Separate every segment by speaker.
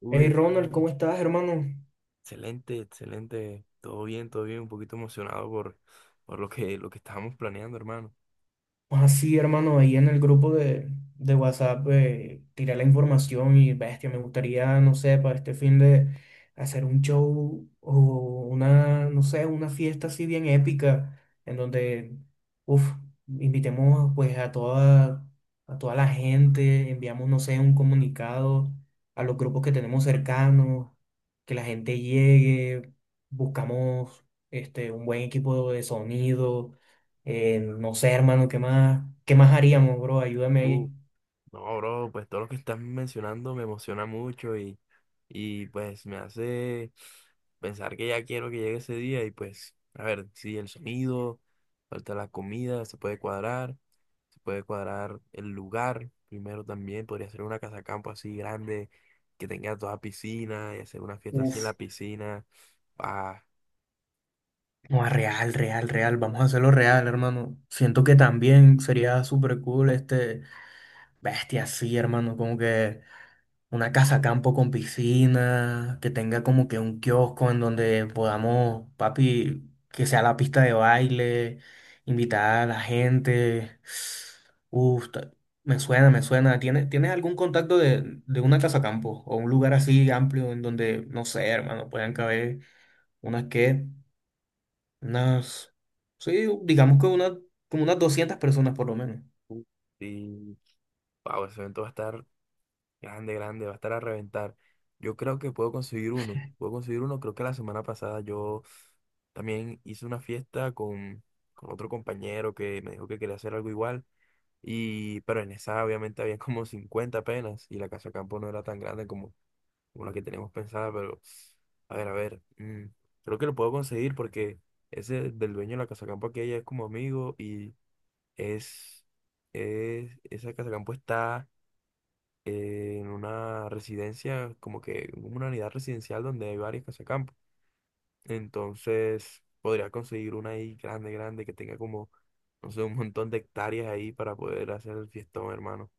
Speaker 1: Uy,
Speaker 2: Hey Ronald,
Speaker 1: hermano,
Speaker 2: ¿cómo estás, hermano?
Speaker 1: excelente, excelente. Todo bien, todo bien. Un poquito emocionado por lo que estábamos planeando, hermano.
Speaker 2: Pues así, hermano, ahí en el grupo de WhatsApp tiré la información y bestia, me gustaría, no sé, para este fin de hacer un show o una, no sé, una fiesta así bien épica, en donde, uff, invitemos pues a toda la gente, enviamos, no sé, un comunicado a los grupos que tenemos cercanos, que la gente llegue, buscamos un buen equipo de sonido. No sé, hermano, qué más haríamos, bro? Ayúdame
Speaker 1: Uh,
Speaker 2: ahí.
Speaker 1: no, bro, pues todo lo que estás mencionando me emociona mucho y pues me hace pensar que ya quiero que llegue ese día y pues, a ver, sí, el sonido, falta la comida, se puede cuadrar el lugar. Primero también podría ser una casa campo así grande, que tenga toda piscina y hacer una fiesta así en
Speaker 2: Uf,
Speaker 1: la piscina.
Speaker 2: no, real, real, real. Vamos a hacerlo real, hermano. Siento que también sería súper cool bestia así, hermano. Como que una casa campo con piscina, que tenga como que un kiosco en donde podamos, papi, que sea la pista de baile, invitar a la gente. Uf, ta- Me suena, me suena. ¿Tienes, tienes algún contacto de una casa campo o un lugar así amplio en donde, no sé, hermano, puedan caber unas que, unas, sí, digamos que una, como unas 200 personas por lo menos.
Speaker 1: Sí, wow, ese evento va a estar grande, grande, va a estar a reventar. Yo creo que puedo conseguir uno, puedo conseguir uno. Creo que la semana pasada yo también hice una fiesta con otro compañero que me dijo que quería hacer algo igual. Y pero en esa obviamente había como 50 apenas y la casa de campo no era tan grande como la que teníamos pensada, pero a ver, creo que lo puedo conseguir porque ese del dueño de la casa de campo aquí ya es como amigo y es, es esa Casa Campo está en una residencia, como que una unidad residencial donde hay varias Casa Campo. Entonces, podría conseguir una ahí grande, grande, que tenga como, no sé, un montón de hectáreas ahí para poder hacer el fiestón, hermano.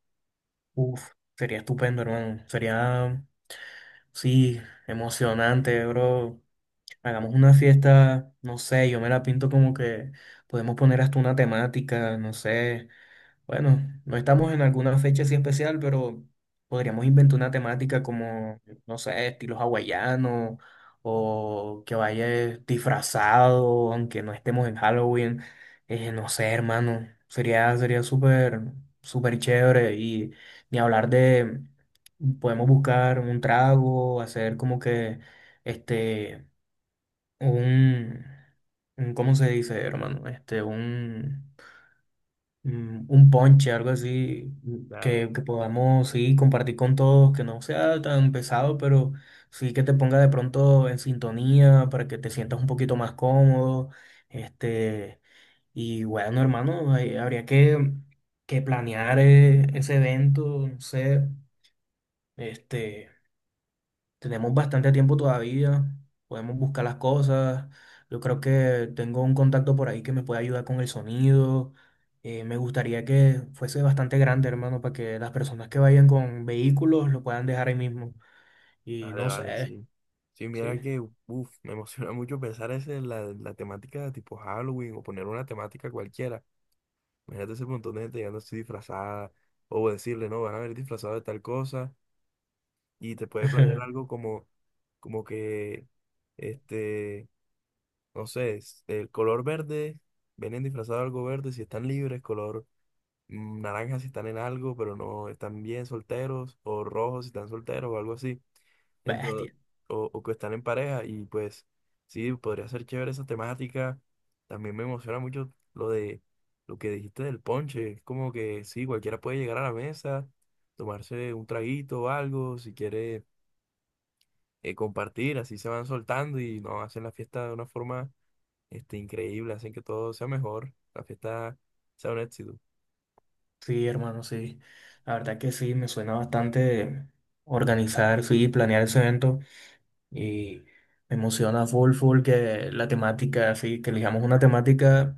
Speaker 2: Uf, sería estupendo, hermano. Sería, sí, emocionante, bro. Hagamos una fiesta, no sé, yo me la pinto como que podemos poner hasta una temática, no sé. Bueno, no estamos en alguna fecha así especial, pero podríamos inventar una temática como, no sé, estilo hawaiano o que vaya disfrazado, aunque no estemos en Halloween. No sé, hermano, sería súper, súper chévere y ni hablar de, podemos buscar un trago, hacer como que, este un, ¿cómo se dice, hermano? Este, un, un ponche, algo así,
Speaker 1: Ya, ya,
Speaker 2: que podamos, sí, compartir con todos, que no sea tan pesado, pero sí que te ponga de pronto en sintonía para que te sientas un poquito más cómodo, este, y bueno, hermano, habría que planear ese evento, no sé, este... Tenemos bastante tiempo todavía, podemos buscar las cosas. Yo creo que tengo un contacto por ahí que me puede ayudar con el sonido. Me gustaría que fuese bastante grande, hermano, para que las personas que vayan con vehículos lo puedan dejar ahí mismo. Y
Speaker 1: dale,
Speaker 2: no
Speaker 1: vale,
Speaker 2: sé,
Speaker 1: sí. Sí, mira
Speaker 2: sí.
Speaker 1: que uff, me emociona mucho pensar en la temática de tipo Halloween o poner una temática cualquiera. Imagínate ese montón de gente llegando así disfrazada o decirle, no, van a ver disfrazado de tal cosa y te puede planear algo como que, este, no sé, es- el color verde, vienen disfrazados de algo verde si están libres, color mm, naranja si están en algo, pero no están bien solteros, o rojo si están solteros o algo así, entonces,
Speaker 2: Bestia.
Speaker 1: o que están en pareja y pues sí, podría ser chévere esa temática. También me emociona mucho lo de lo que dijiste del ponche, es como que sí, cualquiera puede llegar a la mesa, tomarse un traguito o algo, si quiere compartir, así se van soltando y no hacen la fiesta de una forma increíble, hacen que todo sea mejor, la fiesta sea un éxito.
Speaker 2: Sí, hermano, sí. La verdad que sí, me suena bastante organizar, sí, planear ese evento. Y me emociona full, full que la temática, así, que elijamos una temática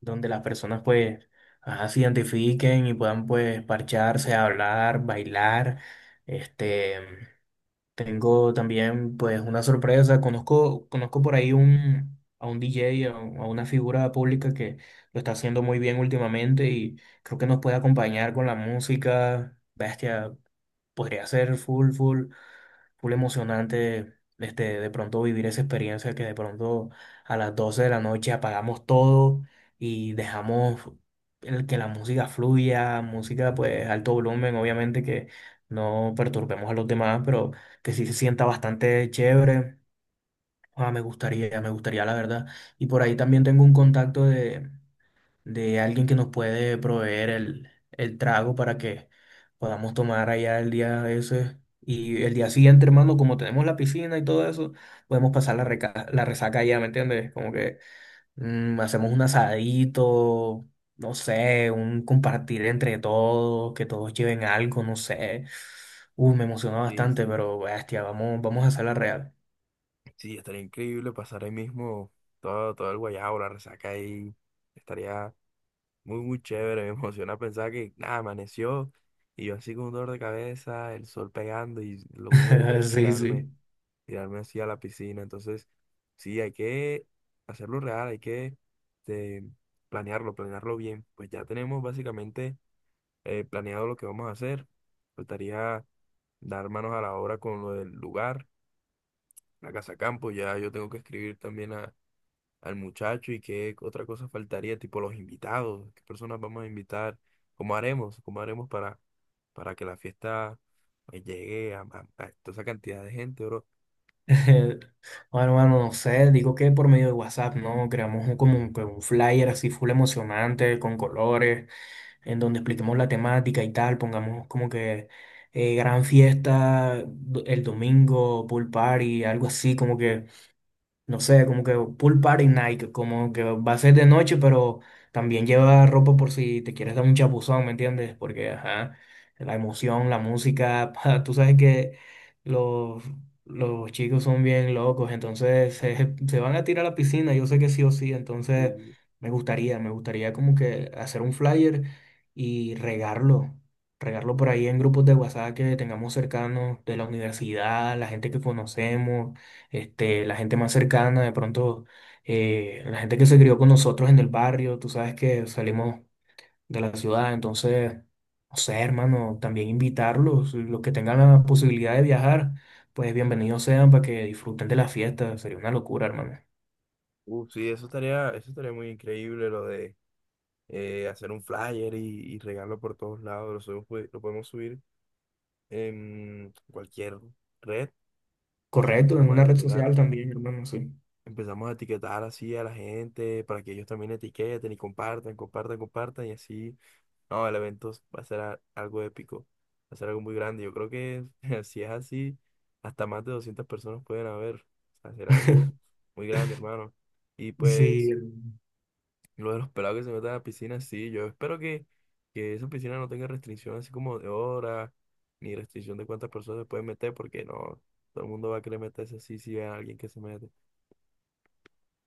Speaker 2: donde las personas pues ajá, se identifiquen y puedan pues parcharse, hablar, bailar. Este, Tengo también pues una sorpresa. Conozco, conozco por ahí a un DJ, a una figura pública que lo está haciendo muy bien últimamente y creo que nos puede acompañar con la música. Bestia, podría ser full, full full emocionante de pronto vivir esa experiencia que de pronto a las 12 de la noche apagamos todo y dejamos el que la música fluya, música pues alto volumen, obviamente que no perturbemos a los demás, pero que sí se sienta bastante chévere. Ah, me gustaría la verdad. Y por ahí también tengo un contacto de alguien que nos puede proveer el trago para que podamos tomar allá el día ese. Y el día siguiente, hermano, como tenemos la piscina y todo eso, podemos pasar la resaca allá, ¿me entiendes? Como que hacemos un asadito, no sé, un compartir entre todos, que todos lleven algo, no sé. Me emociona
Speaker 1: Sí,
Speaker 2: bastante,
Speaker 1: sí.
Speaker 2: pero bestia, vamos, vamos a hacer la real.
Speaker 1: Sí, estaría increíble pasar ahí mismo todo, todo el guayabo, la resaca ahí. Estaría muy, muy chévere. Me emociona pensar que nada, amaneció y yo así con un dolor de cabeza, el sol pegando y lo único que quiero es
Speaker 2: Sí,
Speaker 1: tirarme
Speaker 2: sí.
Speaker 1: tirarme así a la piscina. Entonces, sí, hay que hacerlo real, hay que este, planearlo bien. Pues ya tenemos básicamente planeado lo que vamos a hacer. Faltaría dar manos a la obra con lo del lugar, la casa campo. Ya yo tengo que escribir también a- al muchacho y qué otra cosa faltaría, tipo los invitados, qué personas vamos a invitar, cómo haremos para que la fiesta pues, llegue a, a toda esa cantidad de gente, bro.
Speaker 2: Bueno, mano, no sé, digo que por medio de WhatsApp, ¿no? Creamos como un, que un flyer así full emocionante, con colores, en donde expliquemos la temática y tal, pongamos como que gran fiesta el domingo, pool party, algo así, como que no sé, como que pool party night, como que va a ser de noche, pero también lleva ropa por si te quieres dar un chapuzón, ¿me entiendes? Porque, ajá, la emoción, la música, pa, tú sabes que los, los chicos son bien locos, entonces se van a tirar a la piscina, yo sé que sí o sí, entonces
Speaker 1: Sí.
Speaker 2: me gustaría como que hacer un flyer y regarlo. Regarlo por ahí en grupos de WhatsApp que tengamos cercanos de la universidad, la gente que conocemos, la gente más cercana, de pronto la gente que se crió con nosotros en el barrio, tú sabes que salimos de la ciudad, entonces, no sé, hermano, también invitarlos, los que tengan la posibilidad de viajar, pues bienvenidos sean para que disfruten de la fiesta, sería una locura, hermano.
Speaker 1: Sí, eso estaría muy increíble, lo de hacer un flyer y regarlo por todos lados. Lo, subimos, pues, lo podemos subir en cualquier red y
Speaker 2: Correcto, en
Speaker 1: empezamos a
Speaker 2: una red
Speaker 1: etiquetar.
Speaker 2: social también, hermano, sí.
Speaker 1: Empezamos a etiquetar así a la gente para que ellos también etiqueten y compartan, compartan, compartan y así. No, el evento va a ser a- algo épico, va a ser algo muy grande. Yo creo que si es así, hasta más de 200 personas pueden haber. O sea, será algo muy grande, hermano. Y
Speaker 2: Sí,
Speaker 1: pues... Lo de los pelados que se meten a la piscina, sí, yo espero que esa piscina no tenga restricción así como de hora, ni restricción de cuántas personas se pueden meter, porque no, todo el mundo va a querer meterse así si ve a alguien que se mete.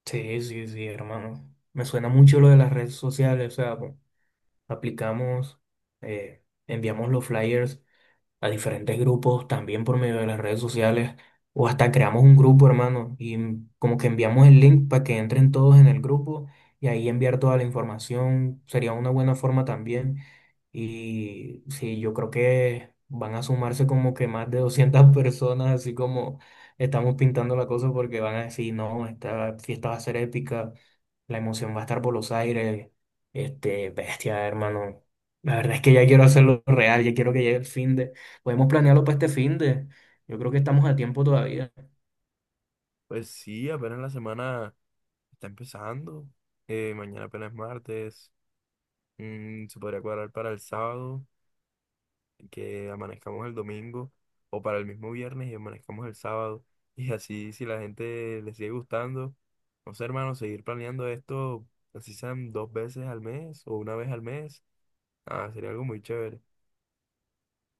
Speaker 2: sí, sí, sí, hermano. Me suena mucho lo de las redes sociales, o sea, pues, aplicamos, enviamos los flyers a diferentes grupos, también por medio de las redes sociales, o hasta creamos un grupo, hermano, y como que enviamos el link para que entren todos en el grupo y ahí enviar toda la información sería una buena forma también. Y sí, yo creo que van a sumarse como que más de 200 personas, así como estamos pintando la cosa, porque van a decir, no, esta fiesta va a ser épica. La emoción va a estar por los aires. Bestia, hermano. La verdad es que ya quiero hacerlo real, ya quiero que llegue el fin de. Podemos planearlo para este fin de. Yo creo que estamos a tiempo todavía.
Speaker 1: Pues sí, apenas la semana está empezando, mañana apenas es martes, se podría cuadrar para el sábado, que amanezcamos el domingo o para el mismo viernes y amanezcamos el sábado. Y así, si la gente le sigue gustando, no sé, hermano, seguir planeando esto, así sean dos veces al mes o una vez al mes, ah, sería algo muy chévere,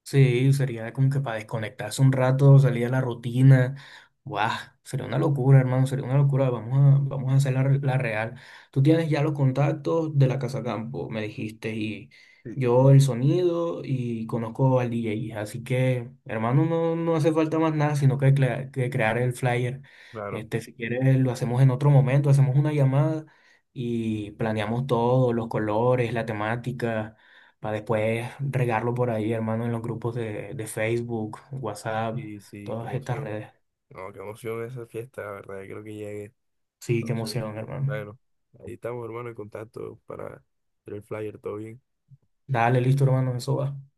Speaker 2: Sí, sería como que para desconectarse un rato, salir a la rutina. Guau, sería una locura, hermano, sería una locura. Vamos a hacer la real. Tú tienes ya los contactos de la Casa Campo, me dijiste, y yo el sonido y conozco al DJ. Así que, hermano, no, no hace falta más nada, que crear el flyer.
Speaker 1: claro.
Speaker 2: Si quieres, lo hacemos en otro momento, hacemos una llamada y planeamos todo, los colores, la temática para después regarlo por ahí, hermano, en los grupos de Facebook, WhatsApp,
Speaker 1: Y sí, qué
Speaker 2: todas estas
Speaker 1: emoción.
Speaker 2: redes.
Speaker 1: No, qué emoción esa fiesta, la verdad, creo que llegue.
Speaker 2: Sí, qué
Speaker 1: Entonces,
Speaker 2: emoción, hermano.
Speaker 1: bueno, ahí estamos, hermano, en contacto para hacer el flyer, todo bien.
Speaker 2: Dale, listo, hermano, eso va.